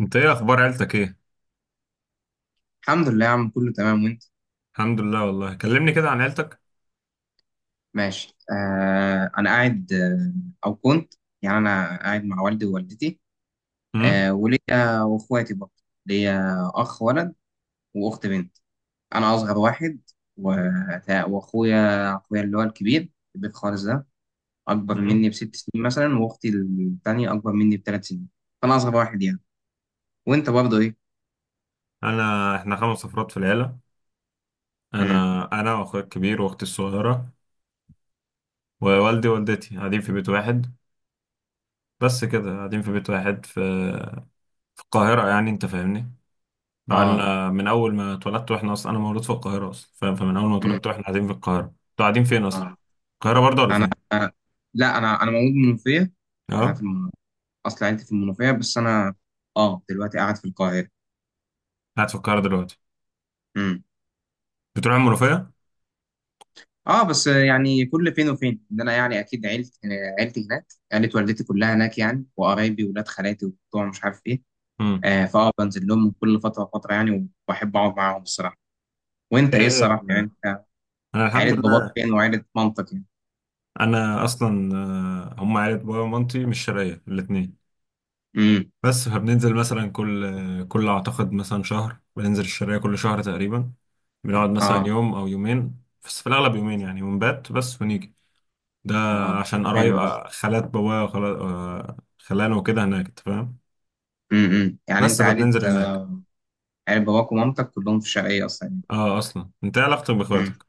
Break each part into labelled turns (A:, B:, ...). A: انت، ايه اخبار عيلتك، ايه؟
B: الحمد لله يا عم، كله تمام. وانت؟
A: الحمد لله. والله، كلمني كده عن عيلتك.
B: ماشي. انا قاعد او كنت. يعني انا قاعد مع والدي ووالدتي.
A: امم.
B: وليا واخواتي برضه. ليا اخ ولد، واخت بنت. انا اصغر واحد. و- واخويا اللي هو الكبير، البيت خالص ده، اكبر مني
A: امم.
B: بـ6 سنين مثلا، واختي الثانيه اكبر مني بـ3 سنين. فانا اصغر واحد يعني. وانت برضه ايه؟
A: انا، احنا خمس افراد في العيله.
B: امم
A: انا واخويا الكبير واختي الصغيره ووالدي ووالدتي قاعدين في بيت واحد. بس كده، قاعدين في بيت واحد في القاهره يعني، انت فاهمني؟
B: اه
A: بقالنا من اول ما اتولدت واحنا اصلا، انا مولود في القاهره اصلا، فاهم. فمن اول ما
B: امم
A: اتولدت واحنا قاعدين في القاهره. انتوا قاعدين فين اصلا؟
B: اه
A: القاهره برضه ولا
B: انا
A: فين؟
B: آه. لا، انا مولود منوفيه. انا في
A: اه.
B: المنوفيه. اصل عيلتي في المنوفيه، بس انا اه دلوقتي قاعد في القاهره.
A: قاعد في القاهره دلوقتي.
B: امم
A: بتروح المنوفيه؟
B: اه بس يعني كل فين وفين ان انا يعني اكيد عيلتي هناك. عيله والدتي كلها هناك يعني، وقرايبي وولاد خالاتي وبتوع مش عارف ايه.
A: امم.
B: آه فاه بنزل لهم كل فتره وفتره يعني، وبحب اقعد معاهم الصراحه. وانت ايه
A: ايه؟
B: الصراحه يعني؟ انت
A: انا الحمد
B: عيله باباك
A: لله.
B: فين وعيله مامتك يعني؟
A: انا اصلا، هم عيلة بابا ومامتي مش شرقية الاتنين.
B: امم
A: بس فبننزل مثلا كل اعتقد مثلا شهر، بننزل الشرقية كل شهر تقريبا. بنقعد مثلا
B: اه،
A: يوم او يومين، بس في الاغلب يومين يعني، ونبات بس ونيجي. ده
B: اه، طب
A: عشان قرايب،
B: حلو ده.
A: خالات بابا وخالات خلانه وكده هناك، انت فاهم.
B: يعني
A: بس
B: انت عيله
A: فبننزل هناك.
B: عيله باباك ومامتك كلهم في الشرقيه اصلا يعني؟
A: اه، اصلا. انت إيه علاقتك
B: امم.
A: باخواتك؟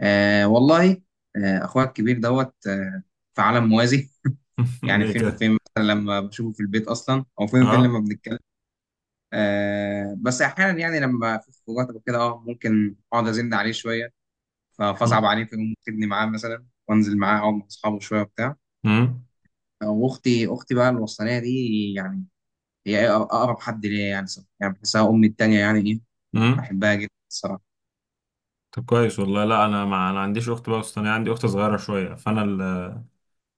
B: والله، اخويا الكبير دوت في عالم موازي. يعني
A: ليه
B: فين
A: كده؟
B: وفين مثلا لما بشوفه في البيت اصلا، او فين وفين
A: اه.
B: لما بنتكلم. بس احيانا يعني لما في خروجات او كده، ممكن اقعد ازن عليه شويه. فاصعب عليه، فيقوم واخدني معاه مثلا، وانزل معاه اقعد مع اصحابه شويه وبتاع.
A: امم.
B: واختي بقى الوسطانيه دي، يعني هي اقرب حد ليا يعني صراحة. يعني بحسها امي التانيه يعني ايه،
A: امم.
B: بحبها جدا الصراحه.
A: طب كويس والله. لا، انا، ما عنديش اخت بقى. بس انا عندي اخت صغيره شويه، فانا،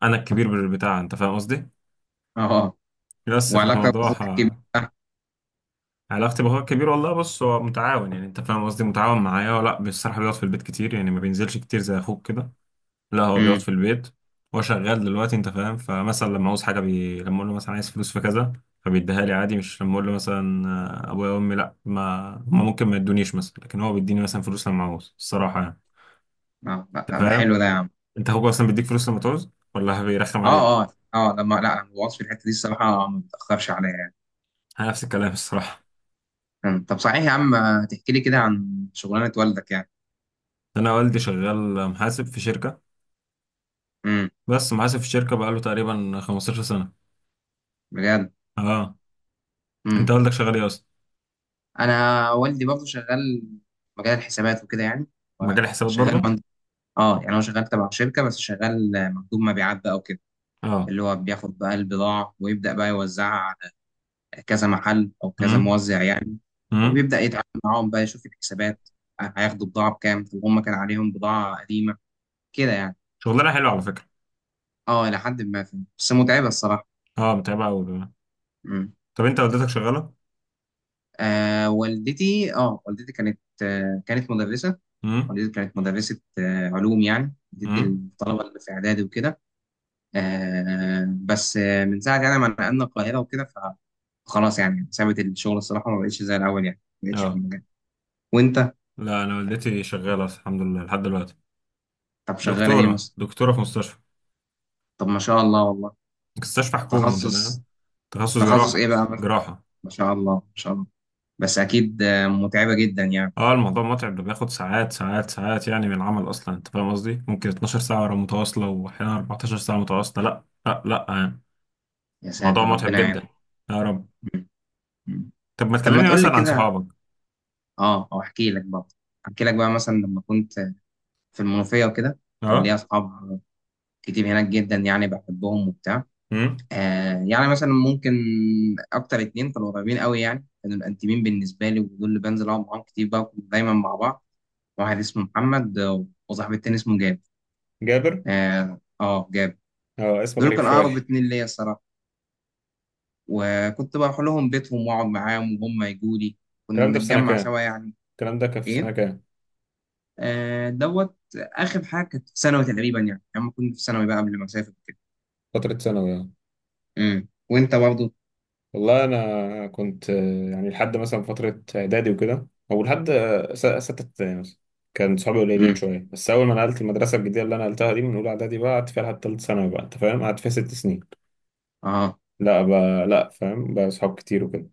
A: انا الكبير بتاع، انت فاهم قصدي.
B: اه.
A: بس
B: وعلاقتك
A: فالموضوع
B: باخوك الكبير؟
A: علاقتي باخويا الكبير، والله بص، هو متعاون، يعني انت فاهم قصدي، متعاون معايا. ولا بصراحه بيقعد في البيت كتير يعني، ما بينزلش كتير زي اخوك كده. لا، هو بيقعد
B: امم.
A: في البيت. هو شغال دلوقتي انت فاهم. فمثلا لما عاوز حاجه لما اقول له مثلا عايز فلوس في كذا، فبيديها لي عادي. مش لما اقول له مثلا، ابويا وامي، لا، ما هم ممكن ما يدونيش مثلا، لكن هو بيديني مثلا فلوس لما عاوز، الصراحه يعني.
B: لا لا
A: انت
B: لا، ده حلو
A: فاهم؟
B: ده يا عم.
A: انت اخوك اصلا بيديك فلوس لما تعوز ولا بيرخم عليك؟
B: اه اه اه، لما لا، الوصف في الحته دي الصراحه، ما بتاخرش عليا يعني.
A: انا نفس الكلام الصراحه.
B: أمم. طب صحيح يا عم، تحكي لي كده عن شغلانة والدك يعني؟
A: انا والدي شغال محاسب في شركه،
B: امم.
A: بس محاسب في الشركة بقاله تقريبا 15 سنة.
B: بجد؟
A: اه. انت
B: امم.
A: والدك شغال ايه اصلا؟
B: انا والدي برضه شغال مجال الحسابات وكده يعني.
A: مجال حسابات
B: وشغال
A: برضو.
B: مند... اه يعني هو شغال تبع شركة، بس شغال مندوب مبيعات بقى وكده،
A: اه.
B: اللي هو بياخد بقى البضاعة ويبدأ بقى يوزعها على كذا محل او كذا
A: امم.
B: موزع يعني.
A: امم.
B: وبيبدأ يتعامل معاهم بقى، يشوف الحسابات، هياخدوا بضاعة بكام، طب هم كان عليهم بضاعة قديمة كده يعني.
A: شغلانة حلوة على فكرة.
B: اه، إلى حد ما فهمت. بس متعبة الصراحة.
A: اه، متعبة قوي كمان.
B: مم.
A: طب انت والدتك شغالة؟
B: والدتي كانت مدرسة.
A: امم.
B: والدتي كانت مدرسة علوم، يعني بتدي
A: امم.
B: الطلبة اللي في إعدادي وكده. بس من ساعة يعني ما نقلنا القاهرة وكده، فخلاص يعني سابت الشغل الصراحة، ما بقتش زي الأول يعني، ما بقتش في
A: اه.
B: المجال. وأنت؟
A: لا، انا والدتي شغالة الحمد لله لحد دلوقتي.
B: طب شغالة إيه
A: دكتورة.
B: مثلا؟
A: دكتورة في مستشفى.
B: طب ما شاء الله والله.
A: مستشفى حكومي انت فاهم.
B: تخصص.
A: تخصص
B: تخصص
A: جراحة.
B: إيه بقى مثلا؟
A: جراحة.
B: ما شاء الله، ما شاء الله. بس أكيد متعبة جدا يعني.
A: اه، الموضوع متعب ده، بياخد ساعات ساعات ساعات يعني من العمل اصلا، انت فاهم قصدي، ممكن 12 ساعة متواصلة واحيانا 14 ساعة متواصلة. لا لا لا آه.
B: يا
A: موضوع
B: ساتر،
A: متعب
B: ربنا يعين.
A: جدا. يا رب.
B: م- م.
A: طب ما
B: طب ما
A: تكلمني
B: تقول لي
A: مثلا عن
B: كده،
A: صحابك.
B: اه. او احكي لك بقى مثلا لما كنت في المنوفيه وكده، كان ليا
A: اه.
B: اصحاب كتير هناك جدا يعني، بحبهم وبتاع.
A: امم.
B: يعني مثلا ممكن اكتر اتنين كانوا قريبين قوي يعني، كانوا الانتيمين بالنسبه لي، ودول اللي بنزل اقعد معاهم كتير بقى، كنا دايما مع بعض. واحد اسمه محمد، وصاحبي التاني اسمه جاب.
A: جابر.
B: اه. جاب.
A: اه، اسم
B: دول
A: غريب
B: كانوا اقرب
A: شوية.
B: اتنين ليا الصراحه. وكنت بروح لهم بيتهم واقعد معاهم، وهم يجوا لي، كنا
A: الكلام ده في سنة
B: بنتجمع
A: كام؟
B: سوا يعني.
A: الكلام ده كان في سنة
B: ايه؟
A: كام؟
B: دوت اخر حاجه كانت في ثانوي تقريبا يعني، لما كنت في ثانوي بقى قبل ما اسافر كده.
A: فترة ثانوي. اه.
B: وانت برضه؟
A: والله أنا كنت، يعني لحد مثلا فترة إعدادي وكده، أو لحد ستة ابتدائي مثلا. كان صحابي قليلين
B: امم،
A: شوية، بس أول ما نقلت المدرسة الجديدة اللي أنا نقلتها دي من أولى إعدادي، بقى قعدت فيها لحد تالت ثانوي، بقى أنت فاهم؟ قعدت فيها 6 سنين.
B: اه،
A: لا بقى، لا، فاهم بقى، صحاب كتير وكده.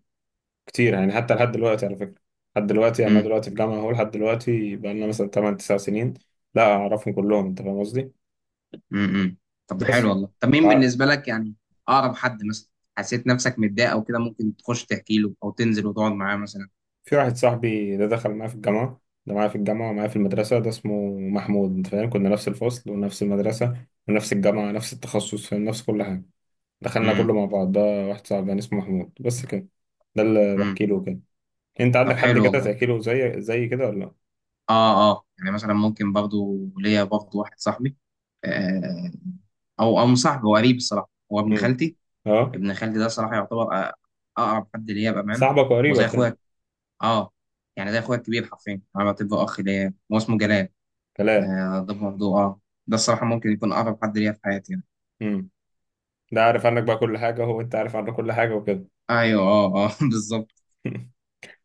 A: كتير يعني، حتى لحد دلوقتي على فكرة. لحد دلوقتي يعني، أنا
B: امم،
A: دلوقتي في جامعة أهو، لحد دلوقتي بقالنا مثلا 8 9 سنين. لا، أعرفهم كلهم أنت فاهم قصدي.
B: امم. طب ده حلو
A: بس
B: والله. طب مين
A: وع-
B: بالنسبه لك يعني اقرب حد مثلا، حسيت نفسك متضايق او كده ممكن تخش تحكي له، او تنزل وتقعد معاه مثلا؟
A: في واحد صاحبي ده دخل معايا في الجامعة. ده معايا في الجامعة ومعايا في المدرسة. ده اسمه محمود أنت فاهم. كنا نفس الفصل ونفس المدرسة ونفس الجامعة، نفس التخصص، فاهم، نفس كل حاجة. دخلنا
B: امم،
A: كله مع بعض ده. واحد صاحبي يعني اسمه محمود بس كده. ده اللي
B: امم.
A: بحكي له كده. أنت عندك
B: طب
A: حد
B: حلو
A: كده
B: والله.
A: تحكي له زي كده ولا لأ؟
B: اه اه، يعني مثلا ممكن برضه ليا برضه واحد صاحبي، آه او مش صاحبي، هو قريب الصراحه، هو ابن
A: امم.
B: خالتي.
A: أه.
B: ابن خالتي ده صراحه يعتبر، أ- اقرب حد ليا بامانه.
A: صاحبك
B: وزي
A: وقريبك يعني.
B: اخويا. اه يعني ده اخويا الكبير حرفيا، انا بعتبره اخ ليا، هو اسمه جلال.
A: كلام.
B: ده برضه ده الصراحه ممكن يكون اقرب حد ليا في حياتي يعني.
A: ده عارف عنك بقى كل حاجة هو، أنت عارف عنه كل حاجة وكده؟
B: ايوه، اه اه، بالظبط.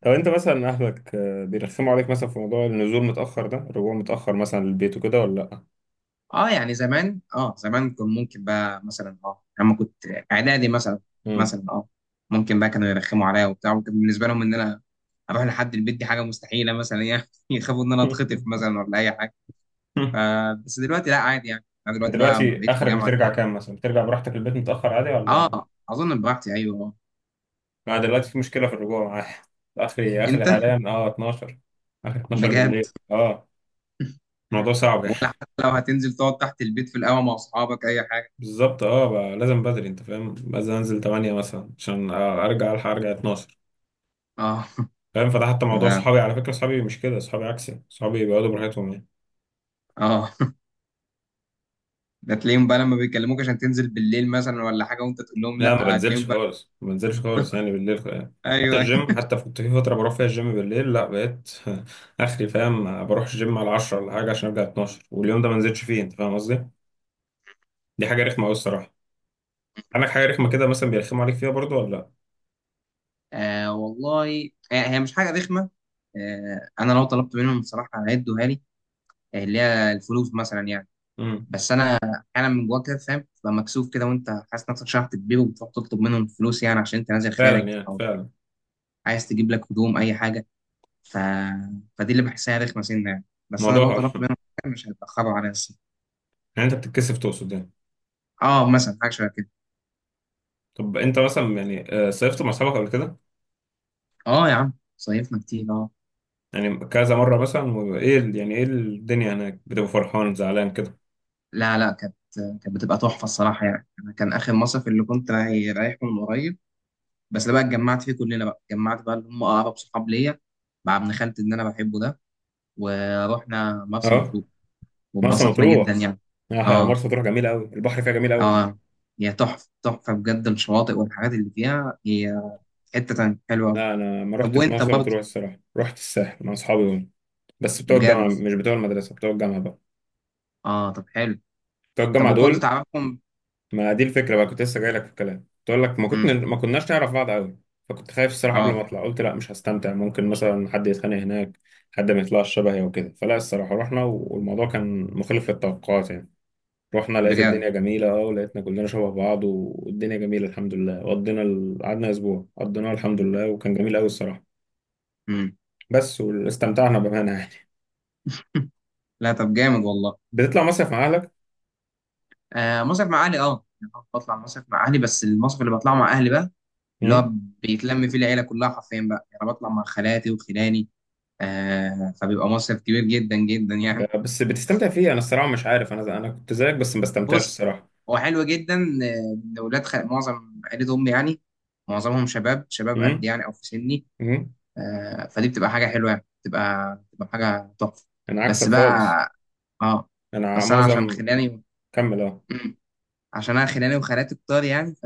A: طب أنت مثلا أهلك، بيرخموا عليك مثلا في موضوع النزول متأخر ده، الرجوع متأخر مثلا للبيت وكده ولا لأ؟
B: اه يعني زمان كان ممكن بقى مثلا، لما كنت اعدادي مثلا،
A: مم.
B: مثلا ممكن بقى كانوا يرخموا عليا وبتاع. وكان بالنسبه لهم ان انا اروح لحد البيت دي حاجه مستحيله مثلا يعني، يخافوا ان انا اتخطف مثلا ولا اي حاجه. ف بس دلوقتي لا، عادي يعني. انا دلوقتي بقى لما
A: دلوقتي
B: بقيت في
A: آخرك
B: الجامعه،
A: بترجع كام مثلا؟ بترجع براحتك البيت متأخر عادي ولا؟
B: اه اظن براحتي، ايوه.
A: أنا دلوقتي في مشكلة في الرجوع معايا. آخري، آخري
B: انت؟
A: حاليا أه 12. آخر 12
B: بجد؟
A: بالليل أه. الموضوع صعب يعني.
B: ولا حتى لو هتنزل تقعد تحت البيت في القهوة مع أصحابك أي حاجة؟
A: بالظبط، أه بقى لازم بدري، أنت فاهم؟ لازم أنزل 8 مثلا عشان أرجع ألحق أرجع 12.
B: اه
A: فاهم؟ فده حتى موضوع
B: اه
A: صحابي على فكرة. صحابي مش كده، صحابي عكسي، صحابي بيقعدوا براحتهم يعني.
B: اه. ده تلاقيهم بقى لما بيكلموك عشان تنزل بالليل مثلا ولا حاجة، وأنت تقول لهم
A: لا، ما
B: لأ،
A: بنزلش
B: هتلاقيهم بقى؟
A: خالص، ما بنزلش خالص يعني بالليل يعني. حتى
B: أيوه، أيوه.
A: الجيم، حتى كنت في فترة بروح فيها الجيم بالليل، لا بقيت. آخري فاهم، بروح الجيم على 10 ولا حاجة عشان أرجع 12، واليوم ده ما نزلتش فيه أنت فاهم قصدي؟ دي حاجة رخمة أوي الصراحة. عندك حاجة رخمة كده مثلا بيرخموا عليك فيها برضو ولا لأ؟
B: والله، هي مش حاجة رخمة. أنا لو طلبت منهم بصراحة هيدوها لي، اللي هي الفلوس مثلا يعني.
A: امم.
B: بس أنا أحيانا من جواك كده فاهم، تبقى مكسوف كده وأنت حاسس نفسك شحت تبيه، وبتروح تطلب منهم فلوس يعني عشان أنت نازل
A: فعلا
B: خارج،
A: يعني
B: أو
A: فعلا.
B: عايز تجيب لك هدوم أي حاجة. ف... فدي اللي بحسها رخمه سنه يعني. بس انا
A: الموضوع.
B: لو طلبت منهم حاجة مش هيتاخروا عليا الصراحه.
A: يعني أنت بتتكسف تقصد يعني.
B: اه، مثلا حاجه شبه كده.
A: طب أنت مثلا يعني، صيفت مع أصحابك قبل كده؟
B: اه يا عم، صيفنا كتير اه
A: يعني كذا مرة مثلا ايه يعني ايه الدنيا هناك بتبقى فرحان زعلان كده؟
B: لا لا، كانت بتبقى تحفه الصراحه يعني. انا كان اخر مصيف اللي كنت رايحه من قريب، بس ده بقى اتجمعت فيه كلنا بقى، اتجمعت بقى اللي هم اقرب صحاب ليا مع ابن خالتي اللي انا بحبه ده، ورحنا مرسى
A: اه.
B: مطروح،
A: مرسى
B: واتبسطنا جدا
A: مطروح.
B: يعني. اه
A: مرسى مطروح جميلة قوي، البحر فيها جميل قوي يعني.
B: اه، هي تحفه تحفه بجد، الشواطئ والحاجات اللي فيها، هي حته تانية حلوه أوي.
A: لا، انا ما
B: طب
A: رحتش
B: وانت
A: مرسى
B: برضه؟
A: مطروح الصراحة، رحت الساحل مع اصحابي دول. بس بتوع الجامعة،
B: بجد.
A: مش بتوع المدرسة، بتوع الجامعة بقى.
B: اه، طب حلو.
A: بتوع
B: طب
A: الجامعة
B: وكنت
A: دول.
B: تعرفهم؟
A: ما دي الفكرة بقى، كنت لسه جاي لك في الكلام تقول لك، ما كنت
B: امم.
A: ما كناش نعرف بعض قوي. فكنت خايف الصراحة قبل
B: اه.
A: ما اطلع، قلت لا مش هستمتع، ممكن مثلا حد يتخانق هناك، حد ما يطلعش شبهي وكده. فلا الصراحة رحنا والموضوع كان مخالف للتوقعات يعني. رحنا، لقيت
B: بجد.
A: الدنيا جميلة اه، ولقيتنا كلنا شبه بعض والدنيا جميلة الحمد لله. وقضينا قعدنا أسبوع قضيناه الحمد لله وكان جميل أوي الصراحة.
B: امم.
A: بس واستمتعنا بأمانة يعني.
B: لا طب جامد والله.
A: بتطلع مصيف مع أهلك؟
B: مصيف مع اهلي، يعني أنا بطلع مصيف مع اهلي، بس المصيف اللي بطلعه مع اهلي بقى اللي هو
A: أمم.
B: بيتلم فيه العيله كلها حرفيا بقى يعني، بطلع مع خالاتي وخلاني. فبيبقى مصيف كبير جدا جدا يعني.
A: بس بتستمتع فيه؟ أنا الصراحة مش عارف، أنا أنا كنت زيك بس ما بستمتعش
B: بص،
A: الصراحة.
B: هو حلو جدا، معظم عيله امي يعني، معظمهم شباب شباب قد
A: أمم.
B: يعني او في سني،
A: أمم.
B: فدي بتبقى حاجة حلوة يعني، بتبقى حاجة تحفة.
A: أنا عكسك
B: بس
A: خالص.
B: بقى، اه.
A: أنا
B: بس انا عشان
A: معظم.
B: خلاني،
A: كمل أه.
B: مم. عشان انا خلاني وخالاتي كتار يعني،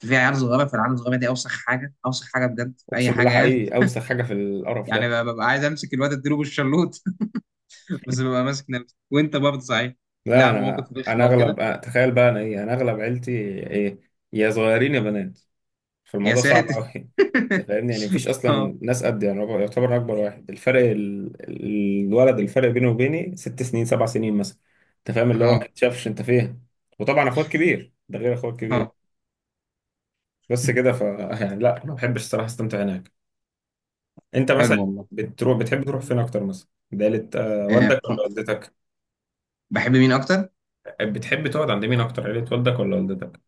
B: ففي عيال صغيرة، فالعيال الصغيرة دي اوسخ حاجة اوسخ حاجة بجد في اي
A: أقسم بالله
B: حاجة يعني.
A: حقيقي أوسخ حاجة في القرف
B: يعني
A: ده.
B: ببقى عايز امسك الواد اديله بالشلوط. بس ببقى ماسك نفسي. وانت برضه، صحيح؟
A: لا،
B: لا،
A: أنا
B: مواقف
A: أنا
B: رخمة وكده.
A: أغلب، تخيل بقى، أنا إيه، أنا أغلب عيلتي. إيه. يا صغيرين يا بنات.
B: يا
A: فالموضوع صعب
B: ساتر.
A: قوي. انت فاهمني يعني، مفيش
B: اه
A: اصلا ناس قد يعني. هو يعتبر أنا اكبر واحد، الفرق الولد، الفرق بينه وبيني 6 سنين 7 سنين مثلا. انت فاهم اللي هو ما
B: اه
A: يتشافش انت فين. وطبعا اخوك كبير ده غير اخوك كبير.
B: اه،
A: بس كده ف. يعني لا، ما بحبش الصراحه استمتع هناك. انت
B: حلو
A: مثلا
B: والله.
A: بتروح، بتحب تروح فين اكتر مثلا؟ عيلة، والدك
B: آه،
A: ولا والدتك؟
B: بحب مين اكتر؟
A: بتحب تقعد عند مين اكتر، عيلة والدك ولا والدتك؟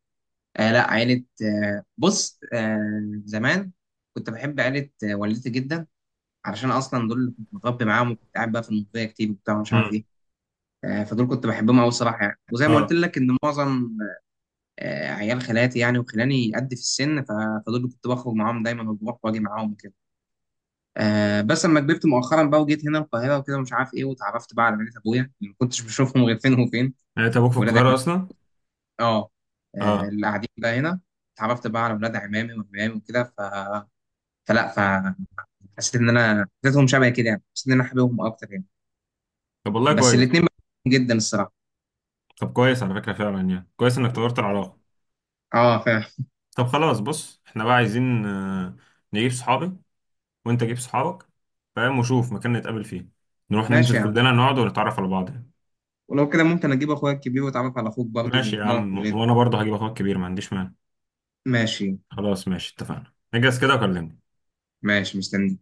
B: لا، عيلة، بص، زمان كنت بحب عيلة والدتي جدا، علشان أصلا دول اللي كنت متربي معاهم، وكنت قاعد بقى في المنوفية كتير وبتاع ومش عارف
A: امم.
B: إيه. فدول كنت بحبهم أوي الصراحة يعني، وزي ما قلت
A: اه
B: لك إن معظم عيال خالاتي يعني وخلاني قد في السن، فدول اللي كنت بخرج معاهم دايما وبروح وأجي معاهم وكده. بس لما كبرت مؤخرا بقى، وجيت هنا القاهرة وكده ومش عارف إيه، واتعرفت بقى على عيلة أبويا اللي ما كنتش بشوفهم غير فين وفين،
A: يعني انت ابوك في
B: ولاد
A: القاهره
B: عم-
A: اصلا.
B: آه.
A: اه
B: اللي قاعدين بقى هنا، اتعرفت بقى على ولاد عمامي وعمامي وكده. ف فلا فحسيت ان انا، حسيتهم شبه كده يعني، حسيت ان انا حاببهم اكتر يعني.
A: طب والله
B: بس
A: كويس.
B: الاثنين جدا الصراحه.
A: طب كويس على فكره، فعلا يعني، كويس انك طورت العلاقه.
B: اه، فاهم.
A: طب خلاص بص، احنا بقى عايزين، نجيب صحابي وانت جيب صحابك، فاهم، وشوف مكان نتقابل فيه، نروح
B: ماشي يا
A: ننزل
B: عم.
A: كلنا نقعد ونتعرف على بعض يعني.
B: ولو كده ممكن اجيب اخويا الكبير واتعرف على اخوك برضه
A: ماشي يا
B: ونقعد
A: عم،
B: كلنا.
A: وانا برضه هجيب اخوك كبير، ما عنديش مانع.
B: ماشي.
A: خلاص ماشي، اتفقنا، اجهز كده وكلمني.
B: ماشي، مستني.